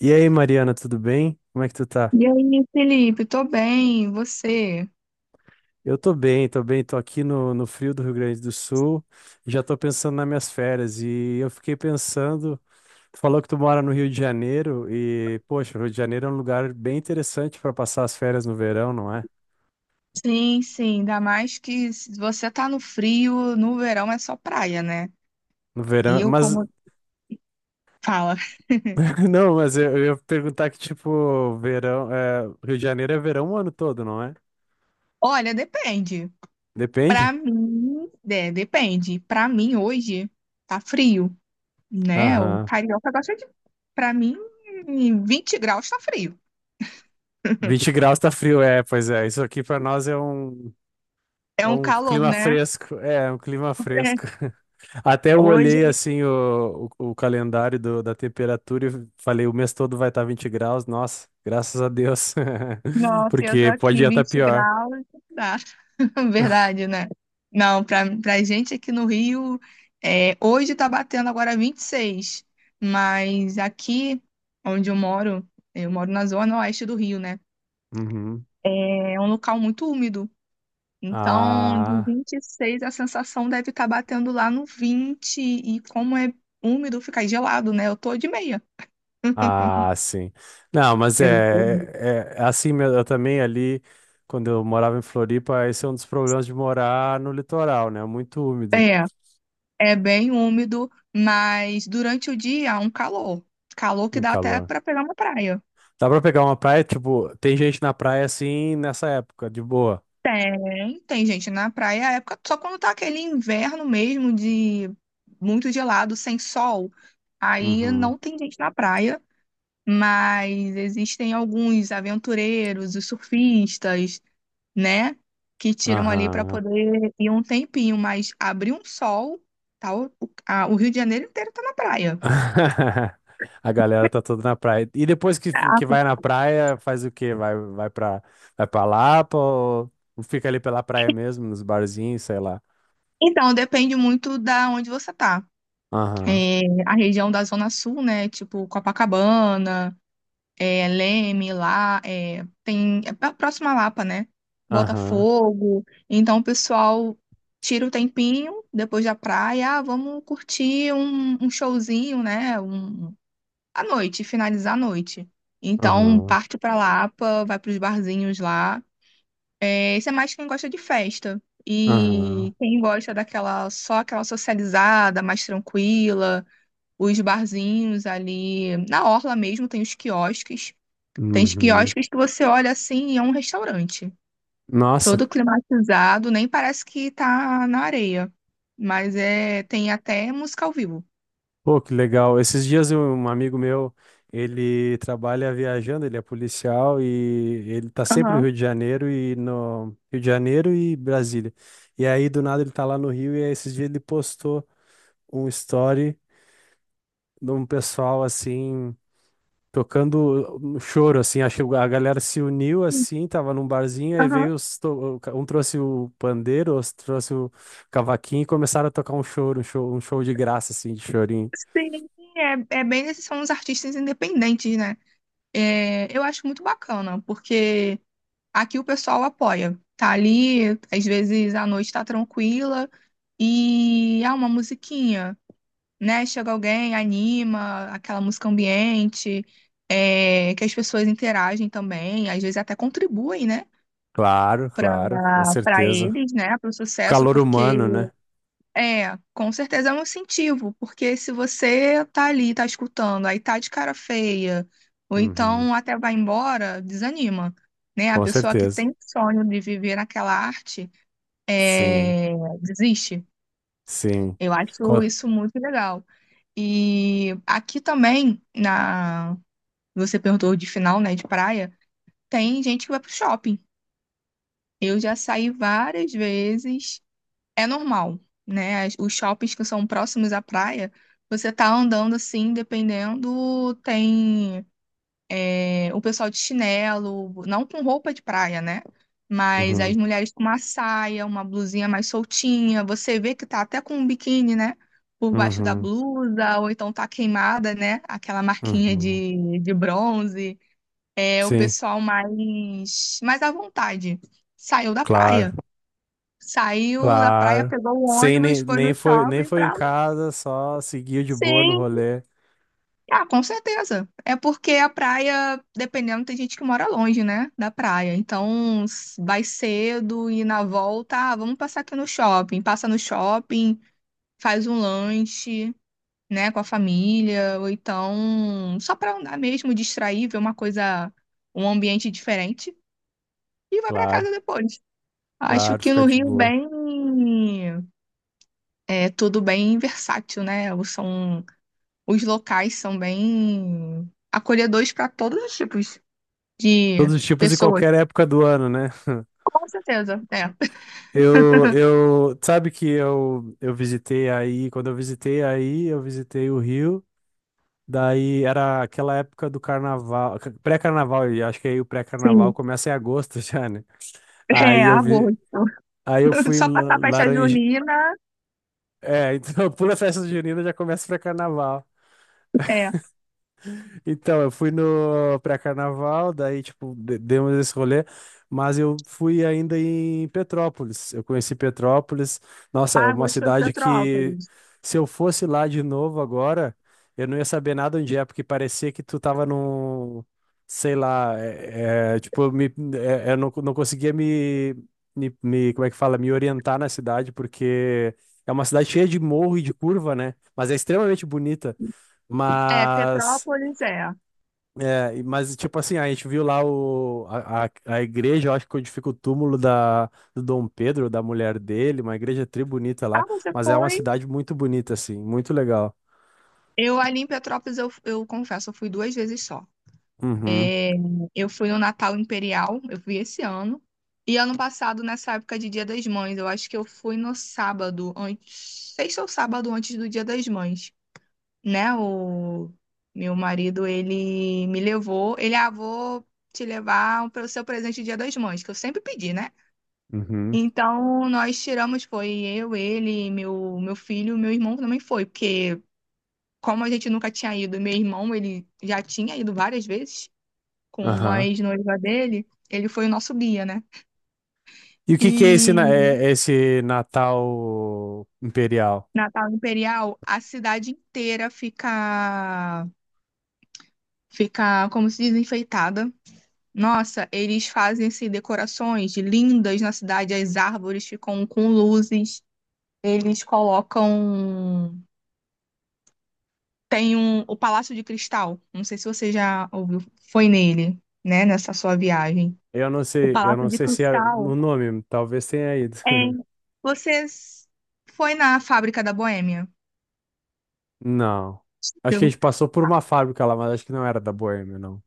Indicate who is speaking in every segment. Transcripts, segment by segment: Speaker 1: E aí, Mariana, tudo bem? Como é que tu tá?
Speaker 2: E aí, Felipe, tô bem, e você?
Speaker 1: Eu tô bem, tô bem, tô aqui no frio do Rio Grande do Sul, já tô pensando nas minhas férias e eu fiquei pensando, tu falou que tu mora no Rio de Janeiro e, poxa, o Rio de Janeiro é um lugar bem interessante para passar as férias no verão, não é?
Speaker 2: Sim, sim, ainda mais que se você tá no frio, no verão é só praia, né?
Speaker 1: No
Speaker 2: E
Speaker 1: verão,
Speaker 2: Eu
Speaker 1: mas,
Speaker 2: como fala,
Speaker 1: não, mas eu ia perguntar que, tipo, verão, Rio de Janeiro é verão o ano todo, não é?
Speaker 2: olha, depende. Pra
Speaker 1: Depende?
Speaker 2: mim, é, depende. Pra mim hoje tá frio, né? O
Speaker 1: Aham.
Speaker 2: carioca gosta de, pra mim, 20 graus tá frio.
Speaker 1: 20 graus tá frio, é, pois é, isso aqui para nós é um.
Speaker 2: É
Speaker 1: É
Speaker 2: um
Speaker 1: um
Speaker 2: calor,
Speaker 1: clima
Speaker 2: né?
Speaker 1: fresco, é um clima fresco. Até eu
Speaker 2: Hoje,
Speaker 1: olhei assim o calendário da temperatura e falei, o mês todo vai estar 20 graus. Nossa, graças a Deus.
Speaker 2: nossa, eu tô
Speaker 1: Porque pode
Speaker 2: aqui
Speaker 1: estar
Speaker 2: 20
Speaker 1: pior.
Speaker 2: graus, dá. Verdade, né? Não, pra gente aqui no Rio, é, hoje tá batendo agora 26, mas aqui onde eu moro na zona oeste do Rio, né?
Speaker 1: Uhum.
Speaker 2: É um local muito úmido. Então, de
Speaker 1: Ah,
Speaker 2: 26, a sensação deve estar batendo lá no 20, e como é úmido, fica gelado, né? Eu tô de meia.
Speaker 1: ah, sim. Não, mas
Speaker 2: Eu tô-
Speaker 1: é, é assim mesmo. Eu também ali, quando eu morava em Floripa, esse é um dos problemas de morar no litoral, né? Muito úmido,
Speaker 2: É, é bem úmido, mas durante o dia, um calor. Calor que
Speaker 1: um
Speaker 2: dá até
Speaker 1: calor.
Speaker 2: pra pegar uma praia.
Speaker 1: Dá pra pegar uma praia, tipo, tem gente na praia assim nessa época, de boa.
Speaker 2: Tem gente na praia, a época, só quando tá aquele inverno mesmo de muito gelado, sem sol, aí
Speaker 1: Uhum.
Speaker 2: não tem gente na praia, mas existem alguns aventureiros, os surfistas, né, que tiram ali para
Speaker 1: Aham.
Speaker 2: poder ir um tempinho, mas abrir um sol, tá, o Rio de Janeiro inteiro tá na praia.
Speaker 1: A galera tá toda na praia. E depois que
Speaker 2: Caraca.
Speaker 1: vai na praia, faz o quê? Vai pra, vai pra Lapa ou fica ali pela praia mesmo, nos barzinhos, sei lá.
Speaker 2: Então, depende muito da onde você tá.
Speaker 1: Aham,
Speaker 2: É, a região da Zona Sul, né, tipo Copacabana, é, Leme lá, é, tem é próxima à Lapa, né?
Speaker 1: aham,
Speaker 2: Botafogo. Então o pessoal tira o tempinho depois da praia, ah, vamos curtir um showzinho, né? À noite, finalizar a noite. Então
Speaker 1: aham,
Speaker 2: parte pra Lapa, vai pros barzinhos lá. É, isso é mais quem gosta de festa.
Speaker 1: aham,
Speaker 2: E quem gosta daquela só aquela socializada, mais tranquila, os barzinhos ali na orla mesmo tem os quiosques. Tem
Speaker 1: uhum.
Speaker 2: quiosques que você olha assim e é um restaurante.
Speaker 1: Nossa.
Speaker 2: Todo climatizado, nem parece que tá na areia. Mas é, tem até música ao vivo.
Speaker 1: Pô, que legal. Esses dias um amigo meu, ele trabalha viajando, ele é policial e ele tá sempre no
Speaker 2: Aham,
Speaker 1: Rio de Janeiro e no Rio de Janeiro e Brasília. E aí do nada ele tá lá no Rio e aí, esses dias ele postou um story de um pessoal assim tocando um choro assim, acho que a galera se uniu assim, tava num barzinho aí
Speaker 2: aham.
Speaker 1: veio os um trouxe o pandeiro, outro trouxe o cavaquinho e começaram a tocar um choro, um show de graça assim, de chorinho.
Speaker 2: Sim, é, é bem esses são os artistas independentes, né? É, eu acho muito bacana, porque aqui o pessoal apoia. Tá ali, às vezes a noite tá tranquila e há uma musiquinha. Né? Chega alguém, anima, aquela música ambiente, é, que as pessoas interagem também, às vezes até contribuem, né?
Speaker 1: Claro, claro, com
Speaker 2: Para
Speaker 1: certeza.
Speaker 2: eles, né? Para o
Speaker 1: O
Speaker 2: sucesso,
Speaker 1: calor
Speaker 2: porque
Speaker 1: humano, né?
Speaker 2: é, com certeza é um incentivo, porque se você tá ali, tá escutando, aí tá de cara feia, ou
Speaker 1: Uhum,
Speaker 2: então até vai embora, desanima. Né? A
Speaker 1: com
Speaker 2: pessoa que
Speaker 1: certeza.
Speaker 2: tem sonho de viver naquela arte
Speaker 1: Sim,
Speaker 2: é, desiste.
Speaker 1: sim.
Speaker 2: Eu acho
Speaker 1: Co-
Speaker 2: isso muito legal. E aqui também, na você perguntou de final, né, de praia, tem gente que vai pro shopping. Eu já saí várias vezes. É normal, né? Os shoppings que são próximos à praia, você tá andando assim, dependendo, tem. É, o pessoal de chinelo, não com roupa de praia, né? Mas as
Speaker 1: Uhum,
Speaker 2: mulheres com uma saia, uma blusinha mais soltinha, você vê que tá até com um biquíni, né? Por baixo da
Speaker 1: uhum,
Speaker 2: blusa, ou então tá queimada, né? Aquela marquinha
Speaker 1: uhum.
Speaker 2: de bronze. É o
Speaker 1: Sim,
Speaker 2: pessoal mais à vontade. Saiu da
Speaker 1: claro,
Speaker 2: praia. Saiu da praia,
Speaker 1: claro.
Speaker 2: pegou o
Speaker 1: Sim,
Speaker 2: ônibus, foi no
Speaker 1: nem
Speaker 2: shopping
Speaker 1: foi em
Speaker 2: pra.
Speaker 1: casa, só seguiu de boa no
Speaker 2: Sim.
Speaker 1: rolê.
Speaker 2: Ah, com certeza. É porque a praia, dependendo, tem gente que mora longe, né, da praia. Então, vai cedo e na volta, ah, vamos passar aqui no shopping. Passa no shopping, faz um lanche, né, com a família, ou então só pra andar mesmo, distrair, ver uma coisa, um ambiente diferente e vai pra casa
Speaker 1: Claro,
Speaker 2: depois. Acho
Speaker 1: claro,
Speaker 2: que
Speaker 1: fica
Speaker 2: no
Speaker 1: de
Speaker 2: Rio
Speaker 1: boa.
Speaker 2: bem é tudo bem versátil, né? Os locais são bem acolhedores para todos os tipos. De
Speaker 1: Todos os tipos e
Speaker 2: pessoas.
Speaker 1: qualquer época do ano, né?
Speaker 2: Com certeza, é.
Speaker 1: Sabe que eu visitei aí, quando eu visitei aí, eu visitei o Rio. Daí era aquela época do carnaval, pré-carnaval, e acho que aí o pré-carnaval
Speaker 2: Sim.
Speaker 1: começa em agosto já, né?
Speaker 2: É,
Speaker 1: Aí eu vi,
Speaker 2: agosto.
Speaker 1: aí eu fui em
Speaker 2: Só passar a festa
Speaker 1: Laranje.
Speaker 2: junina,
Speaker 1: É, então pula a festa junina já começa o pré-carnaval.
Speaker 2: é.
Speaker 1: Então, eu fui no pré-carnaval, daí, tipo, demos esse rolê, mas eu fui ainda em Petrópolis. Eu conheci Petrópolis. Nossa, é uma
Speaker 2: Agosto é
Speaker 1: cidade que,
Speaker 2: Petrópolis.
Speaker 1: se eu fosse lá de novo agora, eu não ia saber nada onde é, porque parecia que tu tava num, sei lá, tipo, eu não conseguia como é que fala, me orientar na cidade, porque é uma cidade cheia de morro e de curva, né? Mas é extremamente bonita.
Speaker 2: É,
Speaker 1: Mas.
Speaker 2: Petrópolis é.
Speaker 1: É, mas tipo assim, a gente viu lá o, a igreja, eu acho que onde fica o túmulo do Dom Pedro, da mulher dele, uma igreja tri bonita
Speaker 2: Ah,
Speaker 1: lá,
Speaker 2: você
Speaker 1: mas é uma
Speaker 2: foi?
Speaker 1: cidade muito bonita, assim, muito legal.
Speaker 2: Eu ali em Petrópolis, eu confesso, eu fui 2 vezes só.
Speaker 1: Uhum,
Speaker 2: É, eu fui no Natal Imperial, eu fui esse ano. E ano passado, nessa época de Dia das Mães, eu acho que eu fui no sábado, antes, sexta ou sábado antes do Dia das Mães. Né, o meu marido, ele me levou, ele, ah, vou te levar para o seu presente de Dia das Mães, que eu sempre pedi, né?
Speaker 1: uhum,
Speaker 2: Então, nós tiramos, foi eu, ele, meu filho, meu irmão também foi, porque como a gente nunca tinha ido, meu irmão, ele já tinha ido várias vezes com a
Speaker 1: aham.
Speaker 2: ex-noiva dele, ele foi o nosso guia, né?
Speaker 1: E o que que é esse,
Speaker 2: E
Speaker 1: é esse Natal Imperial?
Speaker 2: Natal Imperial, a cidade inteira fica, como se diz, enfeitada. Nossa, eles fazem assim, decorações lindas na cidade, as árvores ficam com luzes, eles colocam. Tem um, o Palácio de Cristal, não sei se você já ouviu, foi nele, né, nessa sua viagem. O
Speaker 1: Eu não
Speaker 2: Palácio de
Speaker 1: sei se é no
Speaker 2: Cristal.
Speaker 1: nome, talvez tenha ido.
Speaker 2: É. Você foi na fábrica da Boêmia?
Speaker 1: Não. Acho que a
Speaker 2: Eu-
Speaker 1: gente passou por uma fábrica lá, mas acho que não era da Boêmia, não.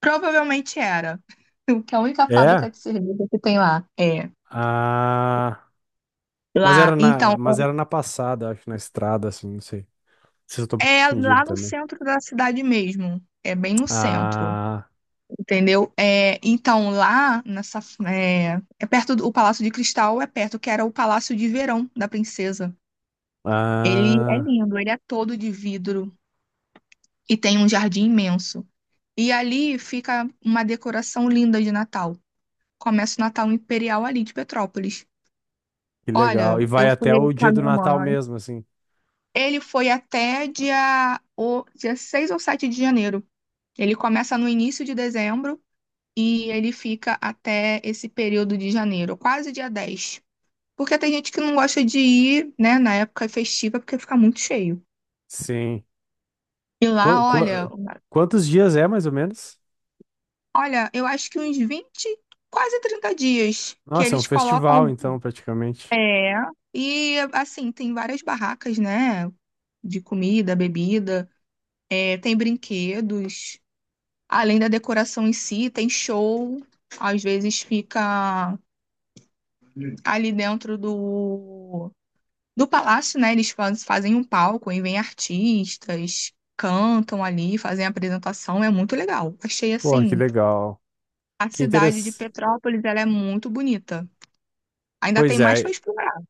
Speaker 2: Provavelmente era. Que é a única fábrica
Speaker 1: É?
Speaker 2: de cerveja que tem lá. É.
Speaker 1: Ah,
Speaker 2: Lá, então,
Speaker 1: mas era na passada, acho, na estrada, assim, não sei. Não sei se eu tô
Speaker 2: é
Speaker 1: confundido
Speaker 2: lá no
Speaker 1: também.
Speaker 2: centro da cidade mesmo. É bem no centro.
Speaker 1: Ah,
Speaker 2: Entendeu? É, então, lá nessa. É, é perto do o Palácio de Cristal, é perto, que era o Palácio de Verão da Princesa. Ele é
Speaker 1: ah,
Speaker 2: lindo, ele é todo de vidro e tem um jardim imenso. E ali fica uma decoração linda de Natal. Começa o Natal Imperial ali de Petrópolis.
Speaker 1: que legal.
Speaker 2: Olha,
Speaker 1: E vai
Speaker 2: eu
Speaker 1: até
Speaker 2: fui
Speaker 1: o
Speaker 2: com
Speaker 1: dia
Speaker 2: a
Speaker 1: do
Speaker 2: minha
Speaker 1: Natal
Speaker 2: mãe.
Speaker 1: mesmo, assim.
Speaker 2: Ele foi até dia 6 ou 7 de janeiro. Ele começa no início de dezembro e ele fica até esse período de janeiro, quase dia 10. Porque tem gente que não gosta de ir, né, na época festiva, porque fica muito cheio.
Speaker 1: Sim.
Speaker 2: E lá,
Speaker 1: Qua- qua-
Speaker 2: olha,
Speaker 1: Quantos dias é, mais ou menos?
Speaker 2: eu acho que uns 20 quase 30 dias que
Speaker 1: Nossa, é um
Speaker 2: eles
Speaker 1: festival,
Speaker 2: colocam.
Speaker 1: então, praticamente.
Speaker 2: É. E assim, tem várias barracas, né? De comida, bebida, é, tem brinquedos, além da decoração em si, tem show. Às vezes fica ali dentro do palácio, né, eles fazem um palco e vêm artistas, cantam ali, fazem a apresentação, é muito legal. Achei
Speaker 1: Porra, que
Speaker 2: assim,
Speaker 1: legal.
Speaker 2: a
Speaker 1: Que
Speaker 2: cidade de
Speaker 1: interessante.
Speaker 2: Petrópolis, ela é muito bonita. Ainda tem
Speaker 1: Pois
Speaker 2: mais para
Speaker 1: é.
Speaker 2: explorar.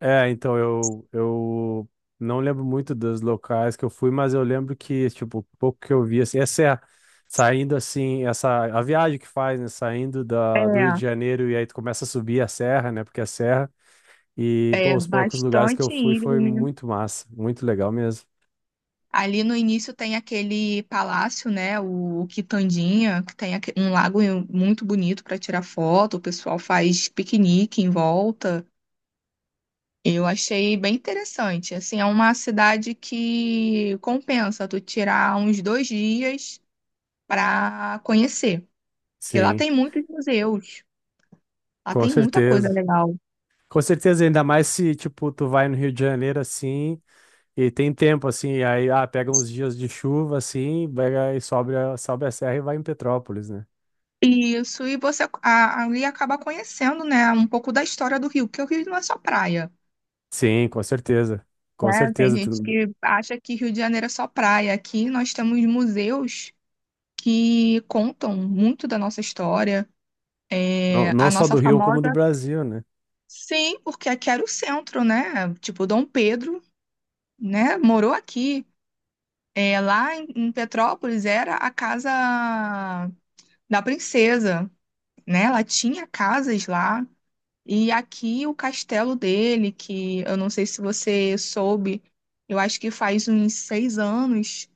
Speaker 1: É, então eu não lembro muito dos locais que eu fui, mas eu lembro que, tipo, o pouco que eu vi, assim, essa é saindo assim, essa a viagem que faz, né? Saindo do Rio de Janeiro e aí tu começa a subir a serra, né? Porque é serra. E,
Speaker 2: É,
Speaker 1: pô,
Speaker 2: é
Speaker 1: os poucos lugares que eu
Speaker 2: bastante
Speaker 1: fui foi
Speaker 2: íngreme.
Speaker 1: muito massa, muito legal mesmo.
Speaker 2: Ali no início tem aquele palácio, né, o Quitandinha, que tem um lago muito bonito para tirar foto, o pessoal faz piquenique em volta. Eu achei bem interessante. Assim, é uma cidade que compensa tu tirar uns 2 dias para conhecer, porque lá
Speaker 1: Sim,
Speaker 2: tem muitos museus, lá
Speaker 1: com
Speaker 2: tem muita coisa
Speaker 1: certeza.
Speaker 2: legal.
Speaker 1: Com certeza, ainda mais se, tipo, tu vai no Rio de Janeiro assim e tem tempo, assim, aí, ah, pega uns dias de chuva, assim, pega e sobe, sobe a serra e vai em Petrópolis, né?
Speaker 2: Isso, e você ali acaba conhecendo, né, um pouco da história do Rio, porque o Rio não é só praia,
Speaker 1: Sim, com certeza. Com
Speaker 2: né? Tem
Speaker 1: certeza.
Speaker 2: gente que acha que Rio de Janeiro é só praia. Aqui nós temos museus que contam muito da nossa história,
Speaker 1: Não,
Speaker 2: é,
Speaker 1: não
Speaker 2: a
Speaker 1: só
Speaker 2: nossa
Speaker 1: do Rio, como do
Speaker 2: famosa.
Speaker 1: Brasil, né?
Speaker 2: Sim, porque aqui era o centro, né? Tipo, Dom Pedro, né? Morou aqui. É, lá em Petrópolis era a casa da princesa, né? Ela tinha casas lá. E aqui o castelo dele, que eu não sei se você soube, eu acho que faz uns 6 anos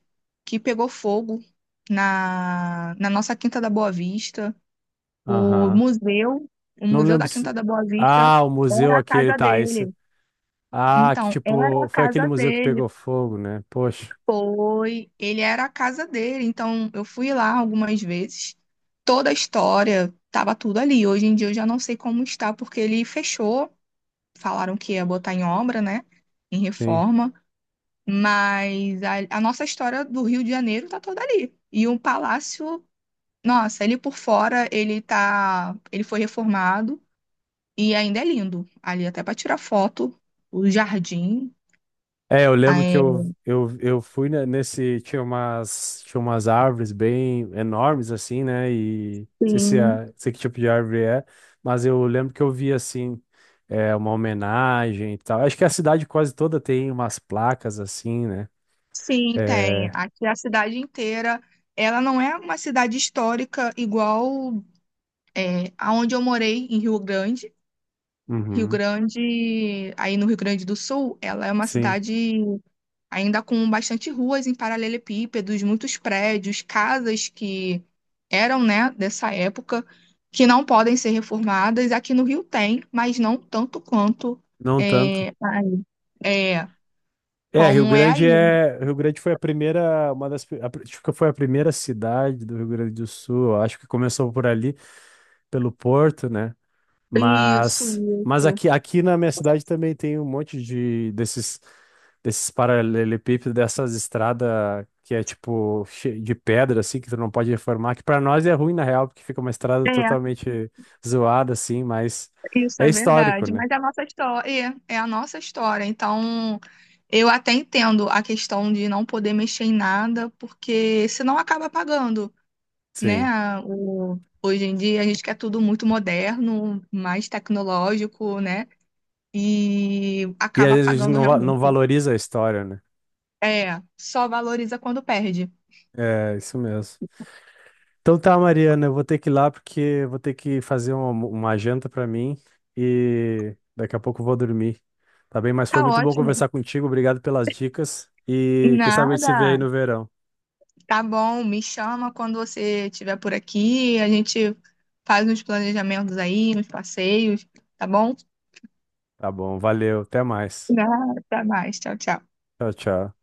Speaker 2: que pegou fogo na nossa Quinta da Boa Vista. O
Speaker 1: Aham.
Speaker 2: museu, o
Speaker 1: Não
Speaker 2: museu
Speaker 1: lembro
Speaker 2: da Quinta
Speaker 1: se.
Speaker 2: da Boa Vista
Speaker 1: Ah, o museu
Speaker 2: era a
Speaker 1: aquele,
Speaker 2: casa
Speaker 1: tá, esse.
Speaker 2: dele.
Speaker 1: Ah, que
Speaker 2: Então, era
Speaker 1: tipo,
Speaker 2: a
Speaker 1: foi aquele
Speaker 2: casa
Speaker 1: museu que
Speaker 2: dele,
Speaker 1: pegou fogo, né? Poxa,
Speaker 2: foi, ele era a casa dele. Então, eu fui lá algumas vezes. Toda a história tava tudo ali. Hoje em dia eu já não sei como está, porque ele fechou. Falaram que ia botar em obra, né? Em
Speaker 1: sim.
Speaker 2: reforma. Mas a nossa história do Rio de Janeiro tá toda ali. E o palácio, nossa, ele por fora, ele tá, ele foi reformado e ainda é lindo. Ali até para tirar foto, o jardim,
Speaker 1: É, eu lembro que
Speaker 2: é.
Speaker 1: eu fui nesse. Tinha umas árvores bem enormes, assim, né? E não sei se
Speaker 2: Sim.
Speaker 1: é, sei que tipo de árvore é, mas eu lembro que eu vi assim. É uma homenagem e tal. Acho que a cidade quase toda tem umas placas assim, né?
Speaker 2: Sim, tem.
Speaker 1: É,
Speaker 2: Aqui a cidade inteira, ela não é uma cidade histórica igual é, aonde eu morei em Rio Grande. Rio
Speaker 1: uhum,
Speaker 2: Grande, aí no Rio Grande do Sul, ela é uma
Speaker 1: sim,
Speaker 2: cidade ainda com bastante ruas em paralelepípedos, muitos prédios, casas que eram, né, dessa época, que não podem ser reformadas. Aqui no Rio tem, mas não tanto quanto
Speaker 1: não tanto.
Speaker 2: é, aí. É,
Speaker 1: É,
Speaker 2: como é aí.
Speaker 1: Rio Grande foi a primeira, uma das, a, pri- acho que foi a primeira cidade do Rio Grande do Sul. Eu acho que começou por ali, pelo Porto, né?
Speaker 2: Isso,
Speaker 1: Mas
Speaker 2: isso.
Speaker 1: aqui na minha cidade também tem um monte de desses, paralelepípedos, dessas estradas que é tipo de pedra assim, que tu não pode reformar. Que para nós é ruim na real, porque fica uma estrada
Speaker 2: É.
Speaker 1: totalmente zoada assim, mas
Speaker 2: Isso
Speaker 1: é
Speaker 2: é
Speaker 1: histórico,
Speaker 2: verdade,
Speaker 1: né?
Speaker 2: mas é a nossa história, é a nossa história. Então, eu até entendo a questão de não poder mexer em nada, porque senão acaba pagando, né?
Speaker 1: Sim.
Speaker 2: Hoje em dia a gente quer tudo muito moderno, mais tecnológico, né? E
Speaker 1: E às
Speaker 2: acaba
Speaker 1: vezes a gente
Speaker 2: pagando
Speaker 1: não
Speaker 2: realmente.
Speaker 1: valoriza a história, né?
Speaker 2: É, só valoriza quando perde.
Speaker 1: É, isso mesmo. Então tá, Mariana, eu vou ter que ir lá porque eu vou ter que fazer uma janta pra mim e daqui a pouco eu vou dormir. Tá bem? Mas foi
Speaker 2: Tá
Speaker 1: muito bom
Speaker 2: ótimo.
Speaker 1: conversar contigo. Obrigado pelas dicas e quem sabe a gente se vê aí
Speaker 2: Nada.
Speaker 1: no verão.
Speaker 2: Tá bom, me chama quando você estiver por aqui, a gente faz uns planejamentos aí, uns passeios, tá bom?
Speaker 1: Tá bom, valeu, até mais.
Speaker 2: Nada, até mais, tchau, tchau.
Speaker 1: Tchau, tchau.